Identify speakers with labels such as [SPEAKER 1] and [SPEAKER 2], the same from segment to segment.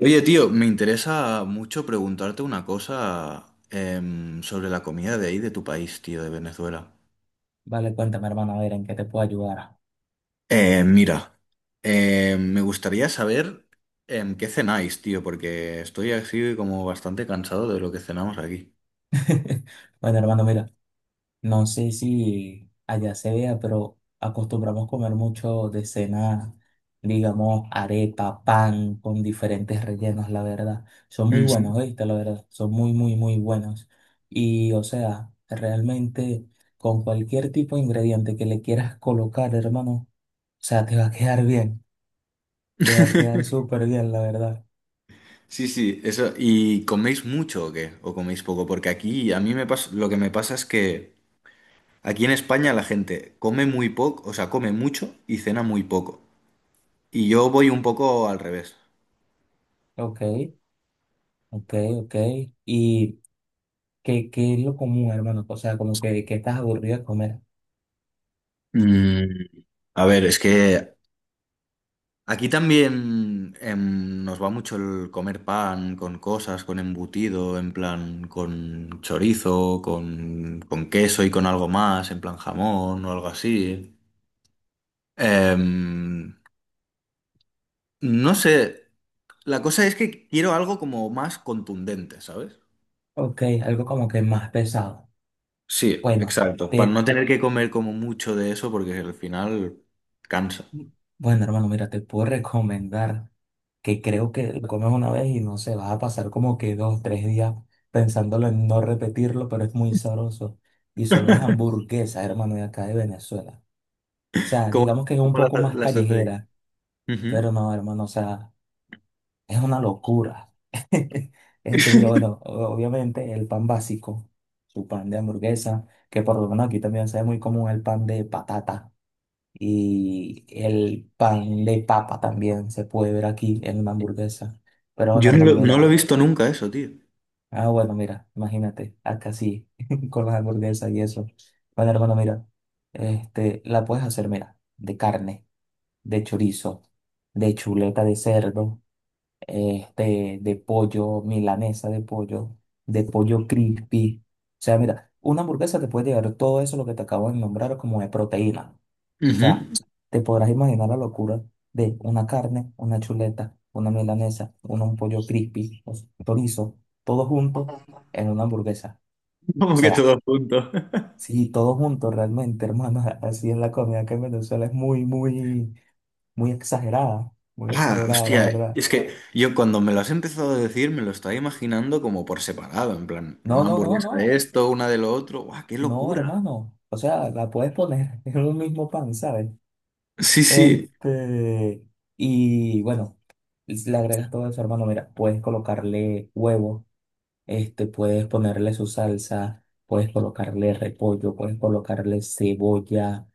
[SPEAKER 1] Oye, tío, me interesa mucho preguntarte una cosa sobre la comida de ahí, de tu país, tío, de Venezuela.
[SPEAKER 2] Vale, cuéntame, hermano, a ver en qué te puedo ayudar.
[SPEAKER 1] Mira, me gustaría saber qué cenáis, tío, porque estoy así como bastante cansado de lo que cenamos aquí.
[SPEAKER 2] Bueno, hermano, mira, no sé si allá se vea, pero acostumbramos comer mucho de cena, digamos, arepa, pan con diferentes rellenos, la verdad. Son muy
[SPEAKER 1] Ujú.
[SPEAKER 2] buenos, ¿viste? La verdad, son muy, muy, muy buenos. Y, o sea, realmente con cualquier tipo de ingrediente que le quieras colocar, hermano, o sea, te va a quedar bien, te va a quedar súper bien, la verdad.
[SPEAKER 1] Sí, sí, eso. ¿Y coméis mucho o qué? ¿O coméis poco? Porque aquí a mí me pasa, lo que me pasa es que aquí en España la gente come muy poco, o sea, come mucho y cena muy poco. Y yo voy un poco al revés.
[SPEAKER 2] Ok, ok, ok. Y. ¿Qué es lo común, hermano? O sea, como que estás aburrido de comer.
[SPEAKER 1] Mm, a ver, es que aquí también nos va mucho el comer pan con cosas, con embutido, en plan con chorizo, con queso y con algo más, en plan jamón o algo así. Em, no sé, la cosa es que quiero algo como más contundente, ¿sabes?
[SPEAKER 2] Ok, algo como que más pesado.
[SPEAKER 1] Sí,
[SPEAKER 2] Bueno,
[SPEAKER 1] exacto, para
[SPEAKER 2] te,
[SPEAKER 1] no tener que comer como mucho de eso porque al final cansa.
[SPEAKER 2] bueno, hermano, mira, te puedo recomendar que creo que lo comes una vez y no sé, vas a pasar como que dos, tres días pensándolo en no repetirlo, pero es muy sabroso. Y son las hamburguesas, hermano, de acá de Venezuela. O sea,
[SPEAKER 1] Como,
[SPEAKER 2] digamos que es un
[SPEAKER 1] como
[SPEAKER 2] poco
[SPEAKER 1] las,
[SPEAKER 2] más
[SPEAKER 1] las hace.
[SPEAKER 2] callejera,
[SPEAKER 1] Ujú.
[SPEAKER 2] pero no, hermano, o sea, es una locura. Este, mira, bueno, obviamente el pan básico, su pan de hamburguesa, que por lo menos aquí también se ve muy común el pan de patata y el pan de papa también se puede ver aquí en una hamburguesa. Pero bueno,
[SPEAKER 1] Yo no
[SPEAKER 2] hermano,
[SPEAKER 1] lo, no lo he
[SPEAKER 2] mira,
[SPEAKER 1] visto nunca eso, tío.
[SPEAKER 2] ah, bueno, mira, imagínate, acá sí, con las hamburguesas y eso. Bueno, hermano, mira, este, la puedes hacer, mira, de carne, de chorizo, de chuleta de cerdo, este, de pollo, milanesa de pollo crispy. O sea, mira, una hamburguesa te puede llegar todo eso, lo que te acabo de nombrar, como de proteína. O
[SPEAKER 1] Ujú.
[SPEAKER 2] sea, te podrás imaginar la locura de una carne, una chuleta, una milanesa, un pollo crispy, o sea, chorizo, todo junto en una hamburguesa. O
[SPEAKER 1] Como que
[SPEAKER 2] sea,
[SPEAKER 1] todo junto.
[SPEAKER 2] sí, todo junto realmente, hermano, así es la comida que en Venezuela es muy, muy, muy
[SPEAKER 1] Ah,
[SPEAKER 2] exagerada, la
[SPEAKER 1] hostia,
[SPEAKER 2] verdad.
[SPEAKER 1] es que yo cuando me lo has empezado a decir me lo estaba imaginando como por separado, en plan,
[SPEAKER 2] No,
[SPEAKER 1] una
[SPEAKER 2] no, no,
[SPEAKER 1] hamburguesa de
[SPEAKER 2] no.
[SPEAKER 1] esto, una de lo otro. ¡Guau, qué
[SPEAKER 2] No,
[SPEAKER 1] locura!
[SPEAKER 2] hermano, o sea, la puedes poner en un mismo pan, ¿sabes?
[SPEAKER 1] Sí, sí.
[SPEAKER 2] Este, y bueno, le agregas todo eso, hermano, mira, puedes colocarle huevo, este, puedes ponerle su salsa, puedes colocarle repollo, puedes colocarle cebolla,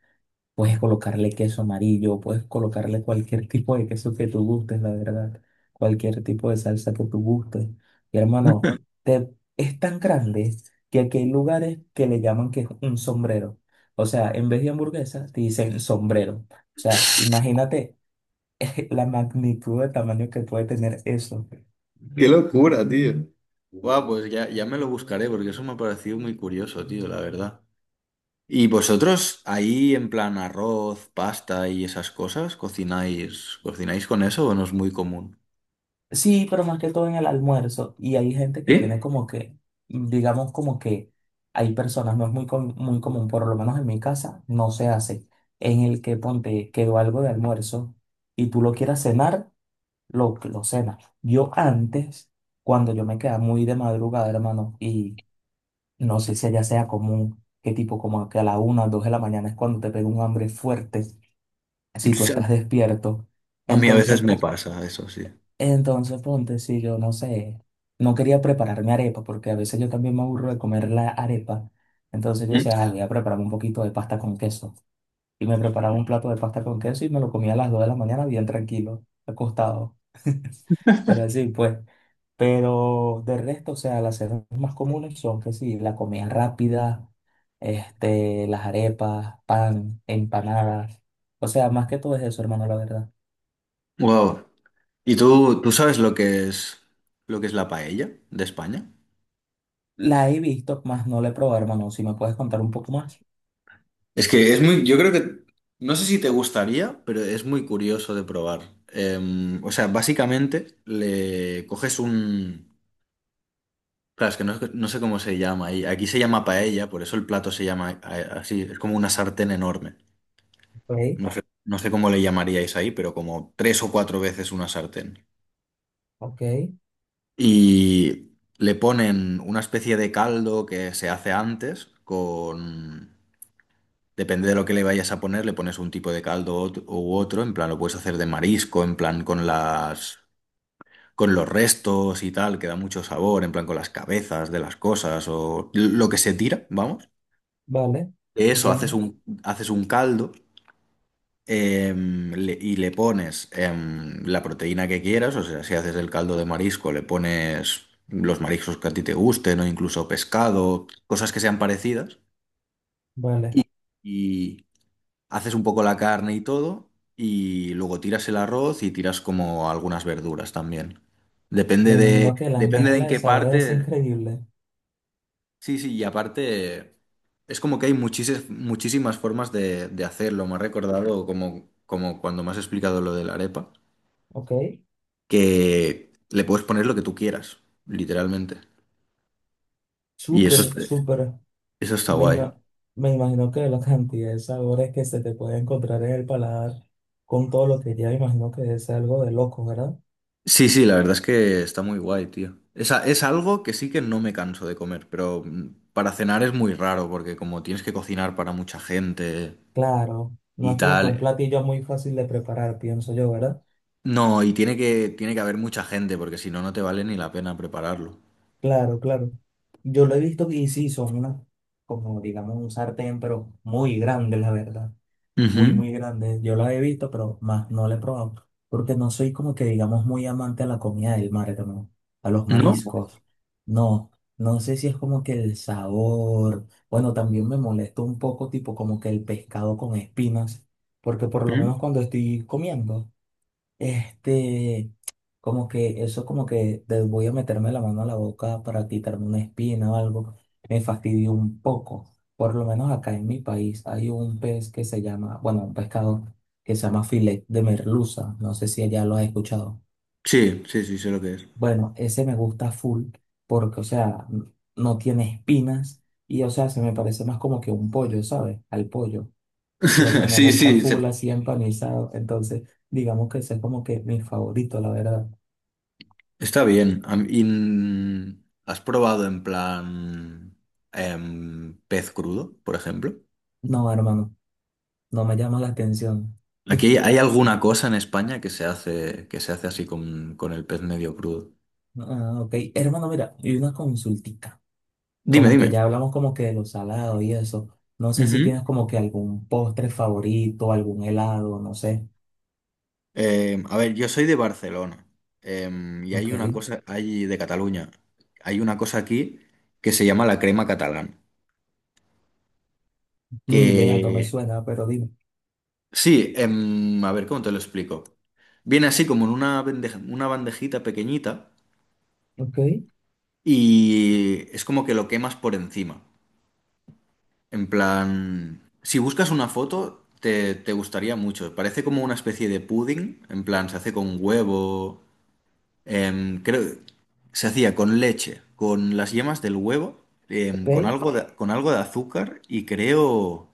[SPEAKER 2] puedes colocarle queso amarillo, puedes colocarle cualquier tipo de queso que tú gustes, la verdad. Cualquier tipo de salsa que tú gustes. Y hermano, es tan grande que aquí hay lugares que le llaman que es un sombrero. O sea, en vez de hamburguesa, te dicen sombrero. O sea, imagínate la magnitud de tamaño que puede tener eso.
[SPEAKER 1] Qué locura, tío. Guau, pues ya, ya me lo buscaré porque eso me ha parecido muy curioso, tío, la verdad. ¿Y vosotros ahí en plan arroz, pasta y esas cosas, cocináis con eso o no es muy común?
[SPEAKER 2] Sí, pero más que todo en el almuerzo. Y hay gente que tiene
[SPEAKER 1] ¿Sí?
[SPEAKER 2] como que, digamos como que hay personas, no es muy, muy común, por lo menos en mi casa, no se hace, en el que ponte quedó algo de almuerzo y tú lo quieras cenar, lo cenas. Yo antes, cuando yo me quedaba muy de madrugada, hermano, y no sé si allá sea común, qué tipo como que a la una o dos de la mañana es cuando te pega un hambre fuerte, si tú estás despierto.
[SPEAKER 1] A mí a
[SPEAKER 2] Entonces,
[SPEAKER 1] veces me
[SPEAKER 2] po-
[SPEAKER 1] pasa eso, sí.
[SPEAKER 2] entonces, ponte, si yo no sé, no quería prepararme arepa, porque a veces yo también me aburro de comer la arepa. Entonces yo
[SPEAKER 1] Mm.
[SPEAKER 2] decía, "Ay, voy a prepararme un poquito de pasta con queso. Y me preparaba un plato de pasta con queso y me lo comía a las 2 de la mañana bien tranquilo, acostado. Pero así pues. Pero de resto, o sea, las cenas más comunes son que sí, la comida rápida, este, las arepas, pan, empanadas. O sea, más que todo es eso, hermano, la verdad.
[SPEAKER 1] Wow. ¿Y tú sabes lo que es la paella de España?
[SPEAKER 2] La he visto, más no la he probado, hermano. Si me puedes contar un poco más.
[SPEAKER 1] Es que es muy, yo creo que, no sé si te gustaría, pero es muy curioso de probar. O sea, básicamente le coges un, claro, es que no sé cómo se llama ahí. Aquí se llama paella, por eso el plato se llama así, es como una sartén enorme.
[SPEAKER 2] Ok,
[SPEAKER 1] No sé cómo le llamaríais ahí, pero como tres o cuatro veces una sartén.
[SPEAKER 2] ok,
[SPEAKER 1] Y le ponen una especie de caldo que se hace antes con... Depende de lo que le vayas a poner, le pones un tipo de caldo u otro, en plan lo puedes hacer de marisco, en plan con las... con los restos y tal, que da mucho sabor, en plan con las cabezas de las cosas o lo que se tira, vamos.
[SPEAKER 2] vale,
[SPEAKER 1] De eso haces
[SPEAKER 2] entiendo,
[SPEAKER 1] un, haces un caldo y le pones la proteína que quieras, o sea, si haces el caldo de marisco, le pones los mariscos que a ti te gusten o incluso pescado, cosas que sean parecidas,
[SPEAKER 2] vale.
[SPEAKER 1] y, y haces un poco la carne y todo, y luego tiras el arroz y tiras como algunas verduras también. Depende
[SPEAKER 2] Me
[SPEAKER 1] de,
[SPEAKER 2] imagino que la
[SPEAKER 1] depende de
[SPEAKER 2] mezcla
[SPEAKER 1] en
[SPEAKER 2] de
[SPEAKER 1] qué
[SPEAKER 2] sabores es
[SPEAKER 1] parte,
[SPEAKER 2] increíble,
[SPEAKER 1] sí, sí, y aparte... Es como que hay muchísimas, muchísimas formas de hacerlo. Me ha recordado como cuando me has explicado lo de la arepa.
[SPEAKER 2] ok.
[SPEAKER 1] Que le puedes poner lo que tú quieras, literalmente. Y eso,
[SPEAKER 2] Súper, súper.
[SPEAKER 1] eso está
[SPEAKER 2] Me,
[SPEAKER 1] guay.
[SPEAKER 2] ima- me imagino que la cantidad de sabores que se te puede encontrar en el paladar con todo lo que ya imagino que es algo de loco, ¿verdad?
[SPEAKER 1] Sí, sí, la verdad es que está muy guay, tío. Es, es algo que sí que no me canso de comer, pero para cenar es muy raro porque como tienes que cocinar para mucha gente
[SPEAKER 2] Claro, no
[SPEAKER 1] y
[SPEAKER 2] es como que un
[SPEAKER 1] tal.
[SPEAKER 2] platillo muy fácil de preparar, pienso yo, ¿verdad?
[SPEAKER 1] No, y tiene que haber mucha gente porque si no, no te vale ni la pena prepararlo.
[SPEAKER 2] Claro, claro. Yo lo he visto y sí, son unas, como digamos, un sartén, pero muy grande, la verdad. Muy,
[SPEAKER 1] Ujú.
[SPEAKER 2] muy grande. Yo la he visto, pero más no la he probado. Porque no soy como que, digamos, muy amante a la comida del mar, hermano, a los
[SPEAKER 1] ¿No?
[SPEAKER 2] mariscos. No, no sé si es como que el sabor. Bueno, también me molesta un poco, tipo, como que el pescado con espinas. Porque por lo
[SPEAKER 1] Ujú.
[SPEAKER 2] menos cuando estoy comiendo. Este, como que eso como que voy a meterme la mano a la boca para quitarme una espina o algo, me fastidió un poco. Por lo menos acá en mi país hay un pez que se llama, bueno, un pescado que se llama filet de merluza. No sé si allá lo has escuchado.
[SPEAKER 1] Sí, sí, sí, sé lo que es.
[SPEAKER 2] Bueno, ese me gusta full porque, o sea, no tiene espinas y, o sea, se me parece más como que un pollo, ¿sabes? Al pollo. Y, o sea, me
[SPEAKER 1] Sí,
[SPEAKER 2] gusta
[SPEAKER 1] sí,
[SPEAKER 2] full así empanizado. Entonces, digamos que ese es como que mi favorito, la verdad.
[SPEAKER 1] está bien. Y, ¿has probado en plan pez crudo, por ejemplo?
[SPEAKER 2] No, hermano, no me llama la atención.
[SPEAKER 1] Aquí hay alguna cosa en España que se hace así con, el pez medio crudo.
[SPEAKER 2] Ah, ok. Hermano, mira, y una consultica.
[SPEAKER 1] Dime,
[SPEAKER 2] Como que
[SPEAKER 1] dime.
[SPEAKER 2] ya hablamos como que de los salados y eso. No sé si
[SPEAKER 1] Ujú.
[SPEAKER 2] tienes como que algún postre favorito, algún helado, no sé.
[SPEAKER 1] A ver, yo soy de Barcelona y hay
[SPEAKER 2] Ok.
[SPEAKER 1] una cosa, hay de Cataluña, hay una cosa aquí que se llama la crema catalana.
[SPEAKER 2] Ni idea, no me
[SPEAKER 1] Que
[SPEAKER 2] suena, pero dime.
[SPEAKER 1] sí, a ver, ¿cómo te lo explico? Viene así como en una bandejita pequeñita.
[SPEAKER 2] Ok,
[SPEAKER 1] Y es como que lo quemas por encima. En plan, si buscas una foto, te gustaría mucho. Parece como una especie de pudding. En plan, se hace con huevo. Creo, se hacía con leche, con las yemas del huevo, con
[SPEAKER 2] ok,
[SPEAKER 1] algo de azúcar y creo,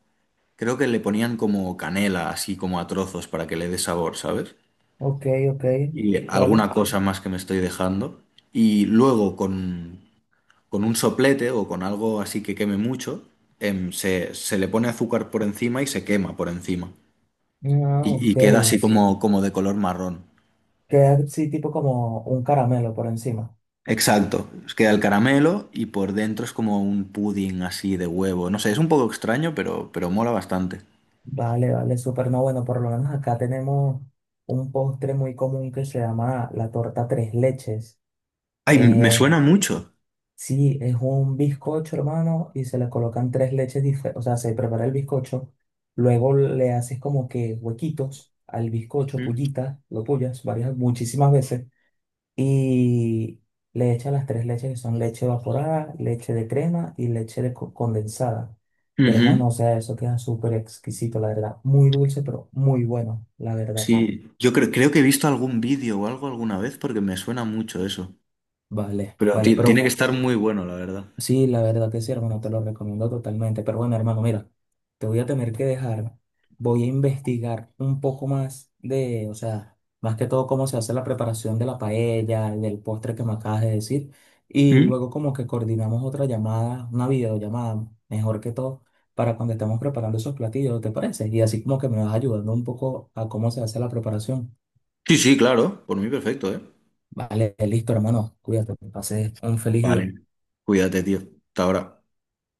[SPEAKER 1] creo que le ponían como canela, así como a trozos para que le dé sabor, ¿sabes?
[SPEAKER 2] ok, ok.
[SPEAKER 1] Y
[SPEAKER 2] Vale.
[SPEAKER 1] alguna cosa más que me estoy dejando. Y luego con un soplete o con algo así que queme mucho, se le pone azúcar por encima y se quema por encima.
[SPEAKER 2] Ah,
[SPEAKER 1] Y
[SPEAKER 2] ok.
[SPEAKER 1] queda así como de color marrón.
[SPEAKER 2] Queda así tipo como un caramelo por encima.
[SPEAKER 1] Exacto, os queda el caramelo y por dentro es como un pudding así de huevo. No sé, es un poco extraño, pero mola bastante.
[SPEAKER 2] Vale, vale, súper. No, bueno, por lo menos acá tenemos un postre muy común que se llama la torta tres leches.
[SPEAKER 1] Ay, me suena
[SPEAKER 2] Eh,
[SPEAKER 1] mucho.
[SPEAKER 2] sí, es un bizcocho, hermano, y se le colocan tres leches diferentes. O sea, se prepara el bizcocho, luego le haces como que huequitos al bizcocho,
[SPEAKER 1] Ujú.
[SPEAKER 2] pullitas, lo pullas varias, muchísimas veces, y le echas las tres leches que son leche evaporada, leche de crema y leche de condensada. Y
[SPEAKER 1] No,
[SPEAKER 2] hermano, o sea, eso queda súper exquisito, la verdad. Muy dulce, pero muy bueno, la verdad.
[SPEAKER 1] sí, yo creo que he visto algún vídeo o algo alguna vez porque me suena mucho eso.
[SPEAKER 2] Vale,
[SPEAKER 1] Pero
[SPEAKER 2] vale,
[SPEAKER 1] tiene que no,
[SPEAKER 2] pero
[SPEAKER 1] estar muy bueno, la verdad.
[SPEAKER 2] sí, la verdad que sí, hermano, te lo recomiendo totalmente. Pero bueno, hermano, mira, te voy a tener que dejar. Voy a investigar un poco más de, o sea, más que todo cómo se hace la preparación de la paella y del postre que me acabas de decir. Y
[SPEAKER 1] ¿Mm?
[SPEAKER 2] luego como que coordinamos otra llamada, una videollamada, mejor que todo, para cuando estemos preparando esos platillos, ¿te parece? Y así como que me vas ayudando un poco a cómo se hace la preparación.
[SPEAKER 1] Sí, sí, claro, por mí perfecto, ¿eh?
[SPEAKER 2] Vale, listo, hermano. Cuídate, que pases un feliz día.
[SPEAKER 1] Vale, cuídate, tío. Hasta ahora.